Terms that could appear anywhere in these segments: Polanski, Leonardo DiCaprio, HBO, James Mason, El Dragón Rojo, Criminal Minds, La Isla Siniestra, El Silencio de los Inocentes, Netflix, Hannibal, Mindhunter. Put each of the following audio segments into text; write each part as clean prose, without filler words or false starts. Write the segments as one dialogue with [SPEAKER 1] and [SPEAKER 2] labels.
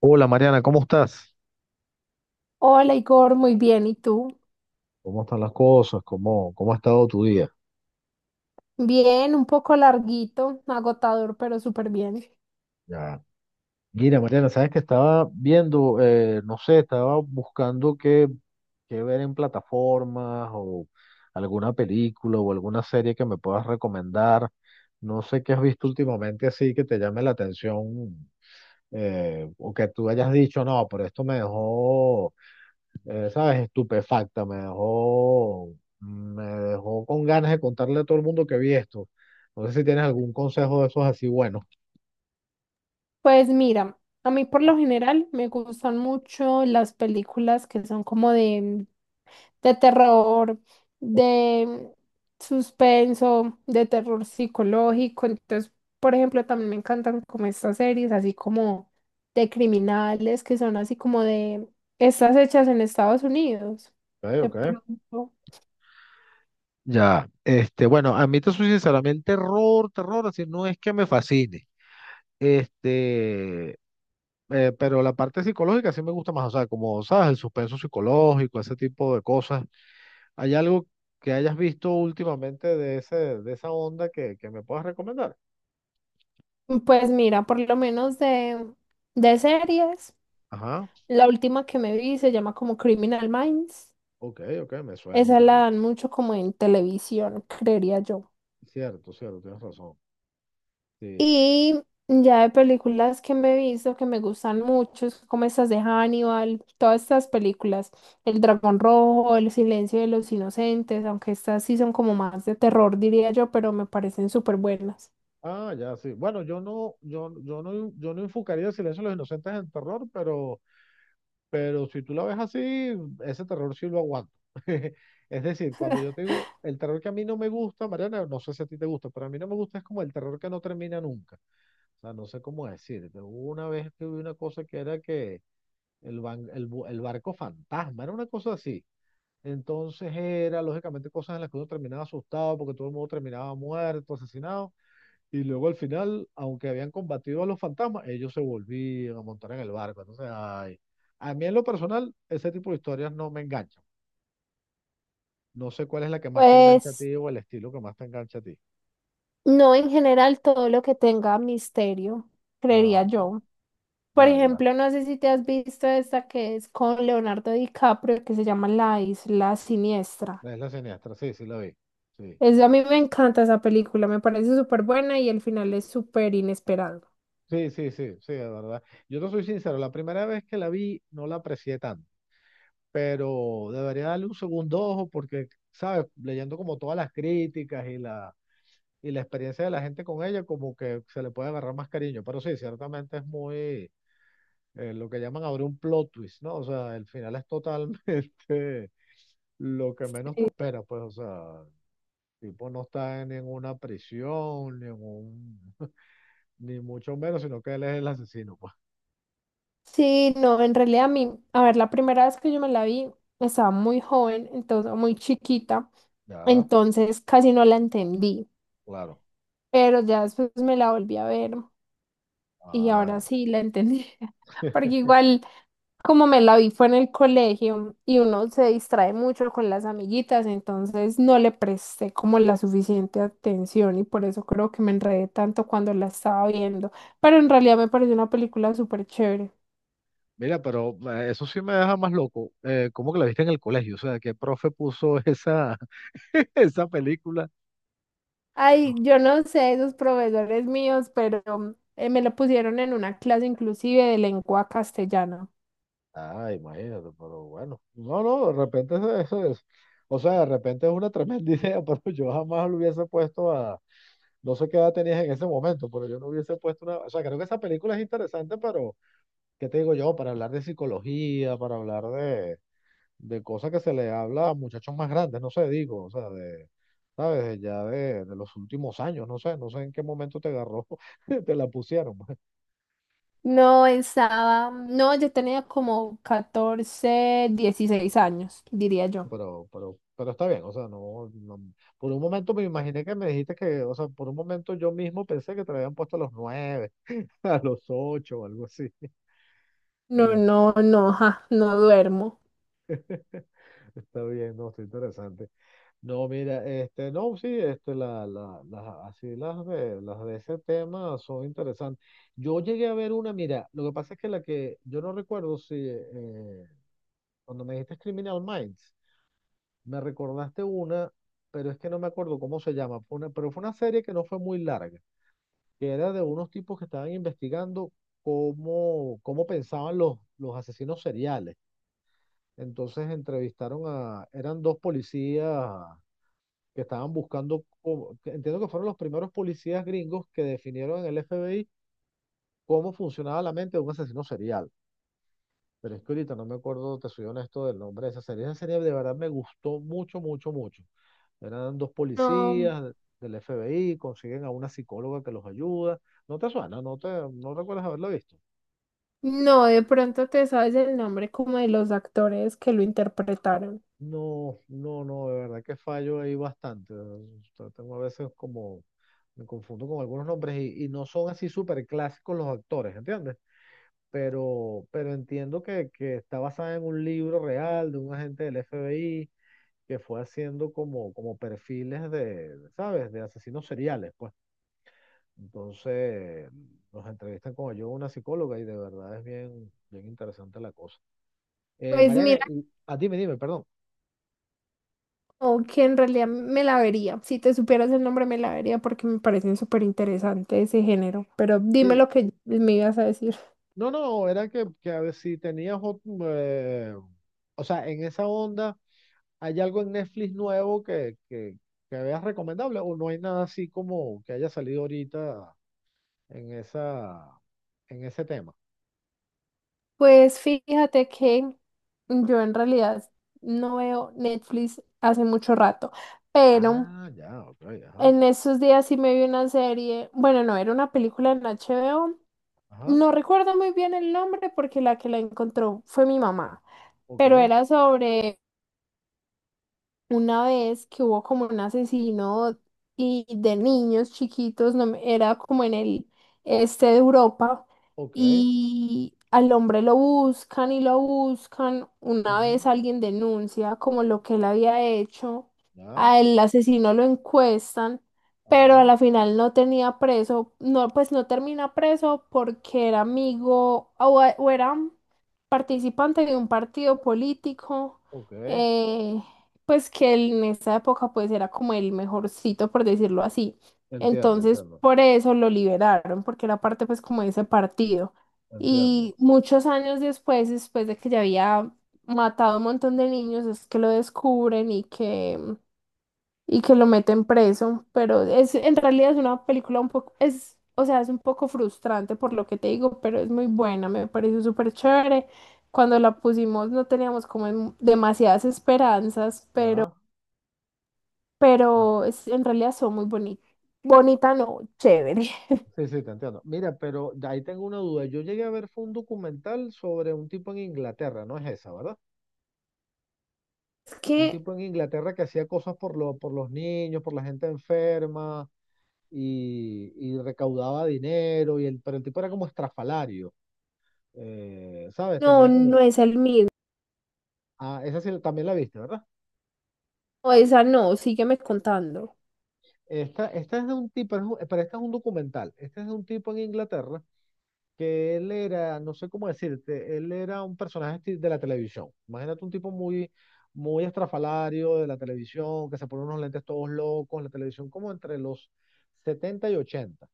[SPEAKER 1] Hola Mariana, ¿cómo estás?
[SPEAKER 2] Hola Igor, muy bien. ¿Y tú?
[SPEAKER 1] ¿Cómo están las cosas? ¿Cómo ha estado tu día?
[SPEAKER 2] Bien, un poco larguito, agotador, pero súper bien.
[SPEAKER 1] Ya. Mira, Mariana, sabes que estaba viendo, no sé, estaba buscando qué ver en plataformas o alguna película o alguna serie que me puedas recomendar. No sé qué has visto últimamente así que te llame la atención, o que tú hayas dicho, no, pero esto me dejó, ¿sabes? Estupefacta, me dejó con ganas de contarle a todo el mundo que vi esto. No sé si tienes algún consejo de esos así bueno.
[SPEAKER 2] Pues mira, a mí por lo general me gustan mucho las películas que son como de, terror, de suspenso, de terror psicológico. Entonces, por ejemplo, también me encantan como estas series, así como de criminales, que son así como de estas hechas en Estados Unidos.
[SPEAKER 1] Ok,
[SPEAKER 2] De
[SPEAKER 1] ok.
[SPEAKER 2] pronto.
[SPEAKER 1] Ya, bueno, a mí te soy sincero, a mí el terror, terror, así no es que me fascine, este, pero la parte psicológica sí me gusta más, o sea, como sabes, el suspenso psicológico, ese tipo de cosas. ¿Hay algo que hayas visto últimamente de ese, de esa onda que me puedas recomendar?
[SPEAKER 2] Pues mira, por lo menos de, series,
[SPEAKER 1] Ajá,
[SPEAKER 2] la última que me vi se llama como Criminal Minds.
[SPEAKER 1] ok, ok, me suena un
[SPEAKER 2] Esa la
[SPEAKER 1] poquito.
[SPEAKER 2] dan mucho como en televisión, creería yo.
[SPEAKER 1] Cierto, cierto, tienes razón. Sí.
[SPEAKER 2] Y ya de películas que me he visto que me gustan mucho, es como estas de Hannibal, todas estas películas, El Dragón Rojo, El Silencio de los Inocentes, aunque estas sí son como más de terror, diría yo, pero me parecen súper buenas.
[SPEAKER 1] Ah, ya, sí. Bueno, yo no enfocaría el silencio de los inocentes en terror, pero si tú la ves así, ese terror sí lo aguanto. Es decir, cuando yo te digo, el terror que a mí no me gusta, Mariana, no sé si a ti te gusta, pero a mí no me gusta es como el terror que no termina nunca. O sea, no sé cómo decirte. Hubo una vez que vi una cosa que era que el, ban- el, bu- el barco fantasma, era una cosa así. Entonces era, lógicamente, cosas en las que uno terminaba asustado porque todo el mundo terminaba muerto, asesinado. Y luego al final, aunque habían combatido a los fantasmas, ellos se volvían a montar en el barco. Entonces, ay, a mí en lo personal, ese tipo de historias no me enganchan. No sé cuál es la que más te engancha a
[SPEAKER 2] Pues
[SPEAKER 1] ti o el estilo que más te engancha a ti.
[SPEAKER 2] no en general todo lo que tenga misterio,
[SPEAKER 1] Ah,
[SPEAKER 2] creería
[SPEAKER 1] ok.
[SPEAKER 2] yo. Por
[SPEAKER 1] Ya, ya.
[SPEAKER 2] ejemplo, no sé si te has visto esta que es con Leonardo DiCaprio, que se llama La Isla Siniestra.
[SPEAKER 1] Es la siniestra, sí, sí la vi. Sí.
[SPEAKER 2] Es, a mí me encanta esa película, me parece súper buena y el final es súper inesperado.
[SPEAKER 1] Sí, sí, sí, sí, de verdad. Yo te soy sincero, la primera vez que la vi no la aprecié tanto, pero debería darle un segundo ojo porque, ¿sabes? Leyendo como todas las críticas y la experiencia de la gente con ella como que se le puede agarrar más cariño. Pero sí, ciertamente es muy, lo que llaman abrir un plot twist, ¿no? O sea, el final es totalmente lo que menos te espera, pues, o sea, el tipo no está ni en una prisión, ni en un, ni mucho menos, sino que él es el asesino, pues.
[SPEAKER 2] Sí, no, en realidad a mí, a ver, la primera vez que yo me la vi, estaba muy joven, entonces, muy chiquita,
[SPEAKER 1] Ya,
[SPEAKER 2] entonces casi no la entendí,
[SPEAKER 1] claro.
[SPEAKER 2] pero ya después me la volví a ver. Y
[SPEAKER 1] Ah,
[SPEAKER 2] ahora
[SPEAKER 1] ya.
[SPEAKER 2] sí la entendí. Porque igual, como me la vi fue en el colegio y uno se distrae mucho con las amiguitas, entonces no le presté como la suficiente atención y por eso creo que me enredé tanto cuando la estaba viendo. Pero en realidad me pareció una película súper chévere.
[SPEAKER 1] Mira, pero eso sí me deja más loco. ¿Cómo que la viste en el colegio? O sea, ¿qué profe puso esa, esa película?
[SPEAKER 2] Ay, yo no sé, esos profesores míos, pero me lo pusieron en una clase inclusive de lengua castellana.
[SPEAKER 1] Ah, imagínate, pero bueno. No, no, de repente eso, es. O sea, de repente es una tremenda idea, pero yo jamás lo hubiese puesto a. No sé qué edad tenías en ese momento, pero yo no hubiese puesto una. O sea, creo que esa película es interesante, pero ¿qué te digo yo? Para hablar de psicología, para hablar de cosas que se le habla a muchachos más grandes, no sé, digo, o sea, de. ¿Sabes? De ya de los últimos años, no sé en qué momento te agarró, te la pusieron.
[SPEAKER 2] No, estaba, no, yo tenía como 14 16 años, diría yo.
[SPEAKER 1] Pero está bien, o sea, por un momento me imaginé que me dijiste que, o sea, por un momento yo mismo pensé que te lo habían puesto a los nueve, a los ocho o algo así.
[SPEAKER 2] No, no, no, ja, no duermo.
[SPEAKER 1] Eh, Está bien, no, está interesante. No, mira, no, sí, así las de ese tema son interesantes. Yo llegué a ver una, mira, lo que pasa es que la que, yo no recuerdo si, cuando me dijiste es Criminal Minds, me recordaste una, pero es que no me acuerdo cómo se llama. Fue una, pero fue una serie que no fue muy larga, que era de unos tipos que estaban investigando cómo pensaban los asesinos seriales. Entonces entrevistaron a, eran dos policías que estaban buscando, que entiendo que fueron los primeros policías gringos que definieron en el FBI cómo funcionaba la mente de un asesino serial. Pero es que ahorita no me acuerdo, te soy honesto, del nombre de esa serie. Esa serie de verdad me gustó mucho, mucho, mucho. Eran dos
[SPEAKER 2] No,
[SPEAKER 1] policías del FBI, consiguen a una psicóloga que los ayuda. ¿No te suena? ¿No recuerdas haberlo visto?
[SPEAKER 2] no, de pronto te sabes el nombre como de los actores que lo interpretaron.
[SPEAKER 1] No, no, no, de verdad que fallo ahí bastante. O sea, tengo a veces como, me confundo con algunos nombres y no son así súper clásicos los actores, ¿entiendes? Pero entiendo que está basada en un libro real de un agente del FBI que fue haciendo como, perfiles de, ¿sabes? De asesinos seriales, pues. Entonces, nos entrevistan con yo, una psicóloga, y de verdad es bien, bien interesante la cosa.
[SPEAKER 2] Pues
[SPEAKER 1] Mariana,
[SPEAKER 2] mira,
[SPEAKER 1] y, ah, dime, dime, perdón.
[SPEAKER 2] como que en realidad me la vería. Si te supieras el nombre, me la vería porque me parece súper interesante ese género. Pero dime
[SPEAKER 1] Sí,
[SPEAKER 2] lo que me ibas a decir.
[SPEAKER 1] no, no, era que a ver si tenías, eh, o sea, en esa onda, ¿hay algo en Netflix nuevo que veas recomendable o no hay nada así como que haya salido ahorita en esa, en ese tema?
[SPEAKER 2] Pues fíjate que yo en realidad no veo Netflix hace mucho rato, pero
[SPEAKER 1] Ah, ya, ok, ajá,
[SPEAKER 2] en esos días sí me vi una serie, bueno, no, era una película en HBO,
[SPEAKER 1] ajá,
[SPEAKER 2] no recuerdo muy bien el nombre porque la que la encontró fue mi mamá,
[SPEAKER 1] ok,
[SPEAKER 2] pero era sobre una vez que hubo como un asesino y de niños chiquitos, no me- era como en el este de Europa,
[SPEAKER 1] ok,
[SPEAKER 2] y al hombre lo buscan y lo buscan. Una
[SPEAKER 1] ujú,
[SPEAKER 2] vez alguien denuncia como lo que él había hecho,
[SPEAKER 1] ya,
[SPEAKER 2] al asesino lo encuestan, pero a
[SPEAKER 1] ajá,
[SPEAKER 2] la final no tenía preso, no, pues no termina preso porque era amigo o, era participante de un partido político.
[SPEAKER 1] ok.
[SPEAKER 2] eh, pues que él en esa época pues era como el mejorcito, por decirlo así.
[SPEAKER 1] Entiendo,
[SPEAKER 2] Entonces,
[SPEAKER 1] entiendo,
[SPEAKER 2] por eso lo liberaron, porque era parte pues como de ese partido. Y
[SPEAKER 1] entiendo.
[SPEAKER 2] muchos años después, después de que ya había matado a un montón de niños, es que lo descubren y que, lo meten preso. Pero es, en realidad es una película un poco, es, o sea, es un poco frustrante por lo que te digo, pero es muy buena, me pareció súper chévere. Cuando la pusimos no teníamos como demasiadas esperanzas, pero
[SPEAKER 1] Ya. Ah,
[SPEAKER 2] es, en realidad son muy bonitas. Bonita no, chévere.
[SPEAKER 1] sí, sí, te entiendo. Mira, pero de ahí tengo una duda. Yo llegué a ver, fue un documental sobre un tipo en Inglaterra, no es esa, ¿verdad?
[SPEAKER 2] Es
[SPEAKER 1] Un
[SPEAKER 2] que
[SPEAKER 1] tipo en Inglaterra que hacía cosas por los niños, por la gente enferma y recaudaba dinero, pero el tipo era como estrafalario, ¿sabes?
[SPEAKER 2] no,
[SPEAKER 1] Tenía
[SPEAKER 2] no
[SPEAKER 1] como...
[SPEAKER 2] es el mismo.
[SPEAKER 1] Ah, esa sí, también la viste, ¿verdad?
[SPEAKER 2] O esa no, sígueme contando.
[SPEAKER 1] Esta es de un tipo, pero esta es un documental. Este es de un tipo en Inglaterra que él era, no sé cómo decirte, él era un personaje de la televisión. Imagínate un tipo muy, muy estrafalario de la televisión, que se pone unos lentes todos locos en la televisión, como entre los 70 y ochenta,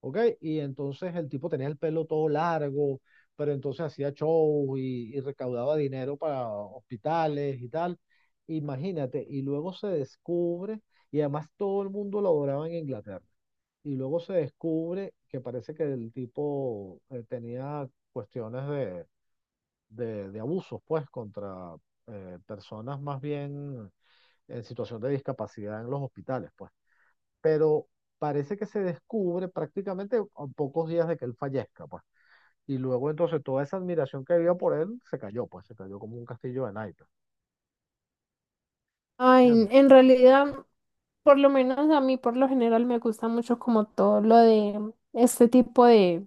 [SPEAKER 1] ¿ok? Y entonces el tipo tenía el pelo todo largo, pero entonces hacía shows y recaudaba dinero para hospitales y tal. Imagínate, y luego se descubre, y además todo el mundo lo adoraba en Inglaterra y luego se descubre que parece que el tipo, tenía cuestiones de, abusos, pues, contra, personas más bien en situación de discapacidad en los hospitales, pues. Pero parece que se descubre prácticamente a pocos días de que él fallezca, pues. Y luego entonces toda esa admiración que había por él se cayó, pues, se cayó como un castillo de naipes.
[SPEAKER 2] Ay, en
[SPEAKER 1] ¿Entiendes?
[SPEAKER 2] realidad, por lo menos a mí por lo general me gusta mucho como todo lo de este tipo de,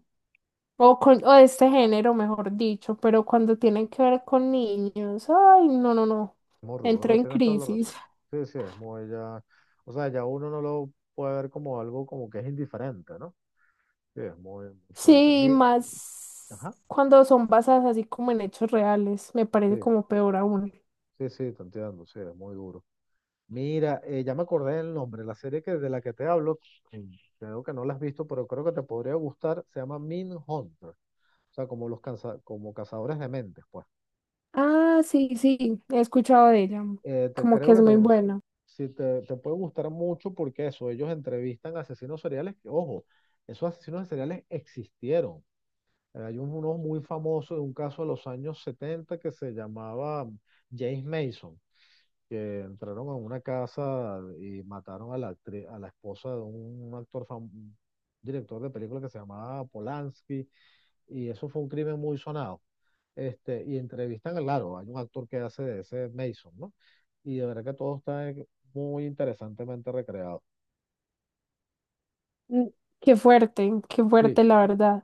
[SPEAKER 2] o, con, o de este género, mejor dicho, pero cuando tienen que ver con niños, ay, no, no, no,
[SPEAKER 1] Muy rudo,
[SPEAKER 2] entro
[SPEAKER 1] no,
[SPEAKER 2] en
[SPEAKER 1] tienes toda la
[SPEAKER 2] crisis.
[SPEAKER 1] razón. Sí, sí, es muy ya, o sea, ya uno no lo puede ver como algo como que es indiferente, ¿no? Sí, es muy, muy fuerte.
[SPEAKER 2] Sí, más
[SPEAKER 1] Ajá,
[SPEAKER 2] cuando son basadas así como en hechos reales, me parece
[SPEAKER 1] sí,
[SPEAKER 2] como peor aún.
[SPEAKER 1] sí, sí, te entiendo, sí, es muy duro. Mira, ya me acordé del nombre, la serie de la que te hablo, mm, creo que no la has visto, pero creo que te podría gustar, se llama Min Hunter, o sea, como los como cazadores de mentes, pues.
[SPEAKER 2] Ah, sí, sí, he escuchado de ella.
[SPEAKER 1] Te,
[SPEAKER 2] Como que
[SPEAKER 1] creo que
[SPEAKER 2] es
[SPEAKER 1] te,
[SPEAKER 2] muy buena.
[SPEAKER 1] si te, te puede gustar mucho porque eso, ellos entrevistan asesinos seriales, que, ojo, esos asesinos seriales existieron. Hay uno muy famoso de un caso de los años 70 que se llamaba James Mason que entraron a una casa y mataron a la a la esposa de un actor un director de película que se llamaba Polanski, y eso fue un crimen muy sonado. Y entrevistan, claro, hay un actor que hace de ese Mason, ¿no? Y de verdad que todo está, muy interesantemente recreado.
[SPEAKER 2] Mm. Qué
[SPEAKER 1] Sí,
[SPEAKER 2] fuerte la verdad.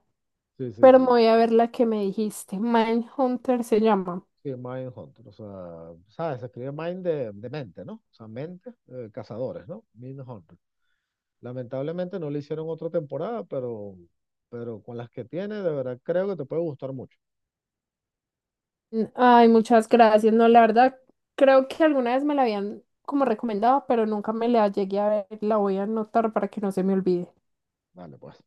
[SPEAKER 1] sí, sí,
[SPEAKER 2] Pero me
[SPEAKER 1] sí.
[SPEAKER 2] voy a ver la que me dijiste. Mindhunter se llama.
[SPEAKER 1] Sí, Mindhunter, o sea, ¿sabes? Se escribe Mind de, mente, ¿no? O sea, mente, cazadores, ¿no? Mindhunter. Lamentablemente no le hicieron otra temporada, pero con las que tiene, de verdad creo que te puede gustar mucho.
[SPEAKER 2] Mm. Ay, muchas gracias. No, la verdad, creo que alguna vez me la habían como recomendado, pero nunca me la llegué a ver. La voy a anotar para que no se me olvide.
[SPEAKER 1] Vale, pues.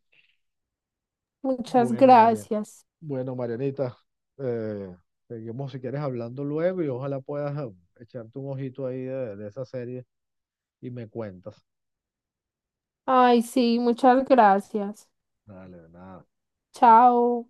[SPEAKER 2] Muchas
[SPEAKER 1] Bueno, Marian.
[SPEAKER 2] gracias.
[SPEAKER 1] Bueno, Marianita, eh, seguimos si quieres hablando luego y ojalá puedas, echarte un ojito ahí de, esa serie y me cuentas.
[SPEAKER 2] Ay, sí, muchas gracias.
[SPEAKER 1] Dale, de nada. Au.
[SPEAKER 2] Chao.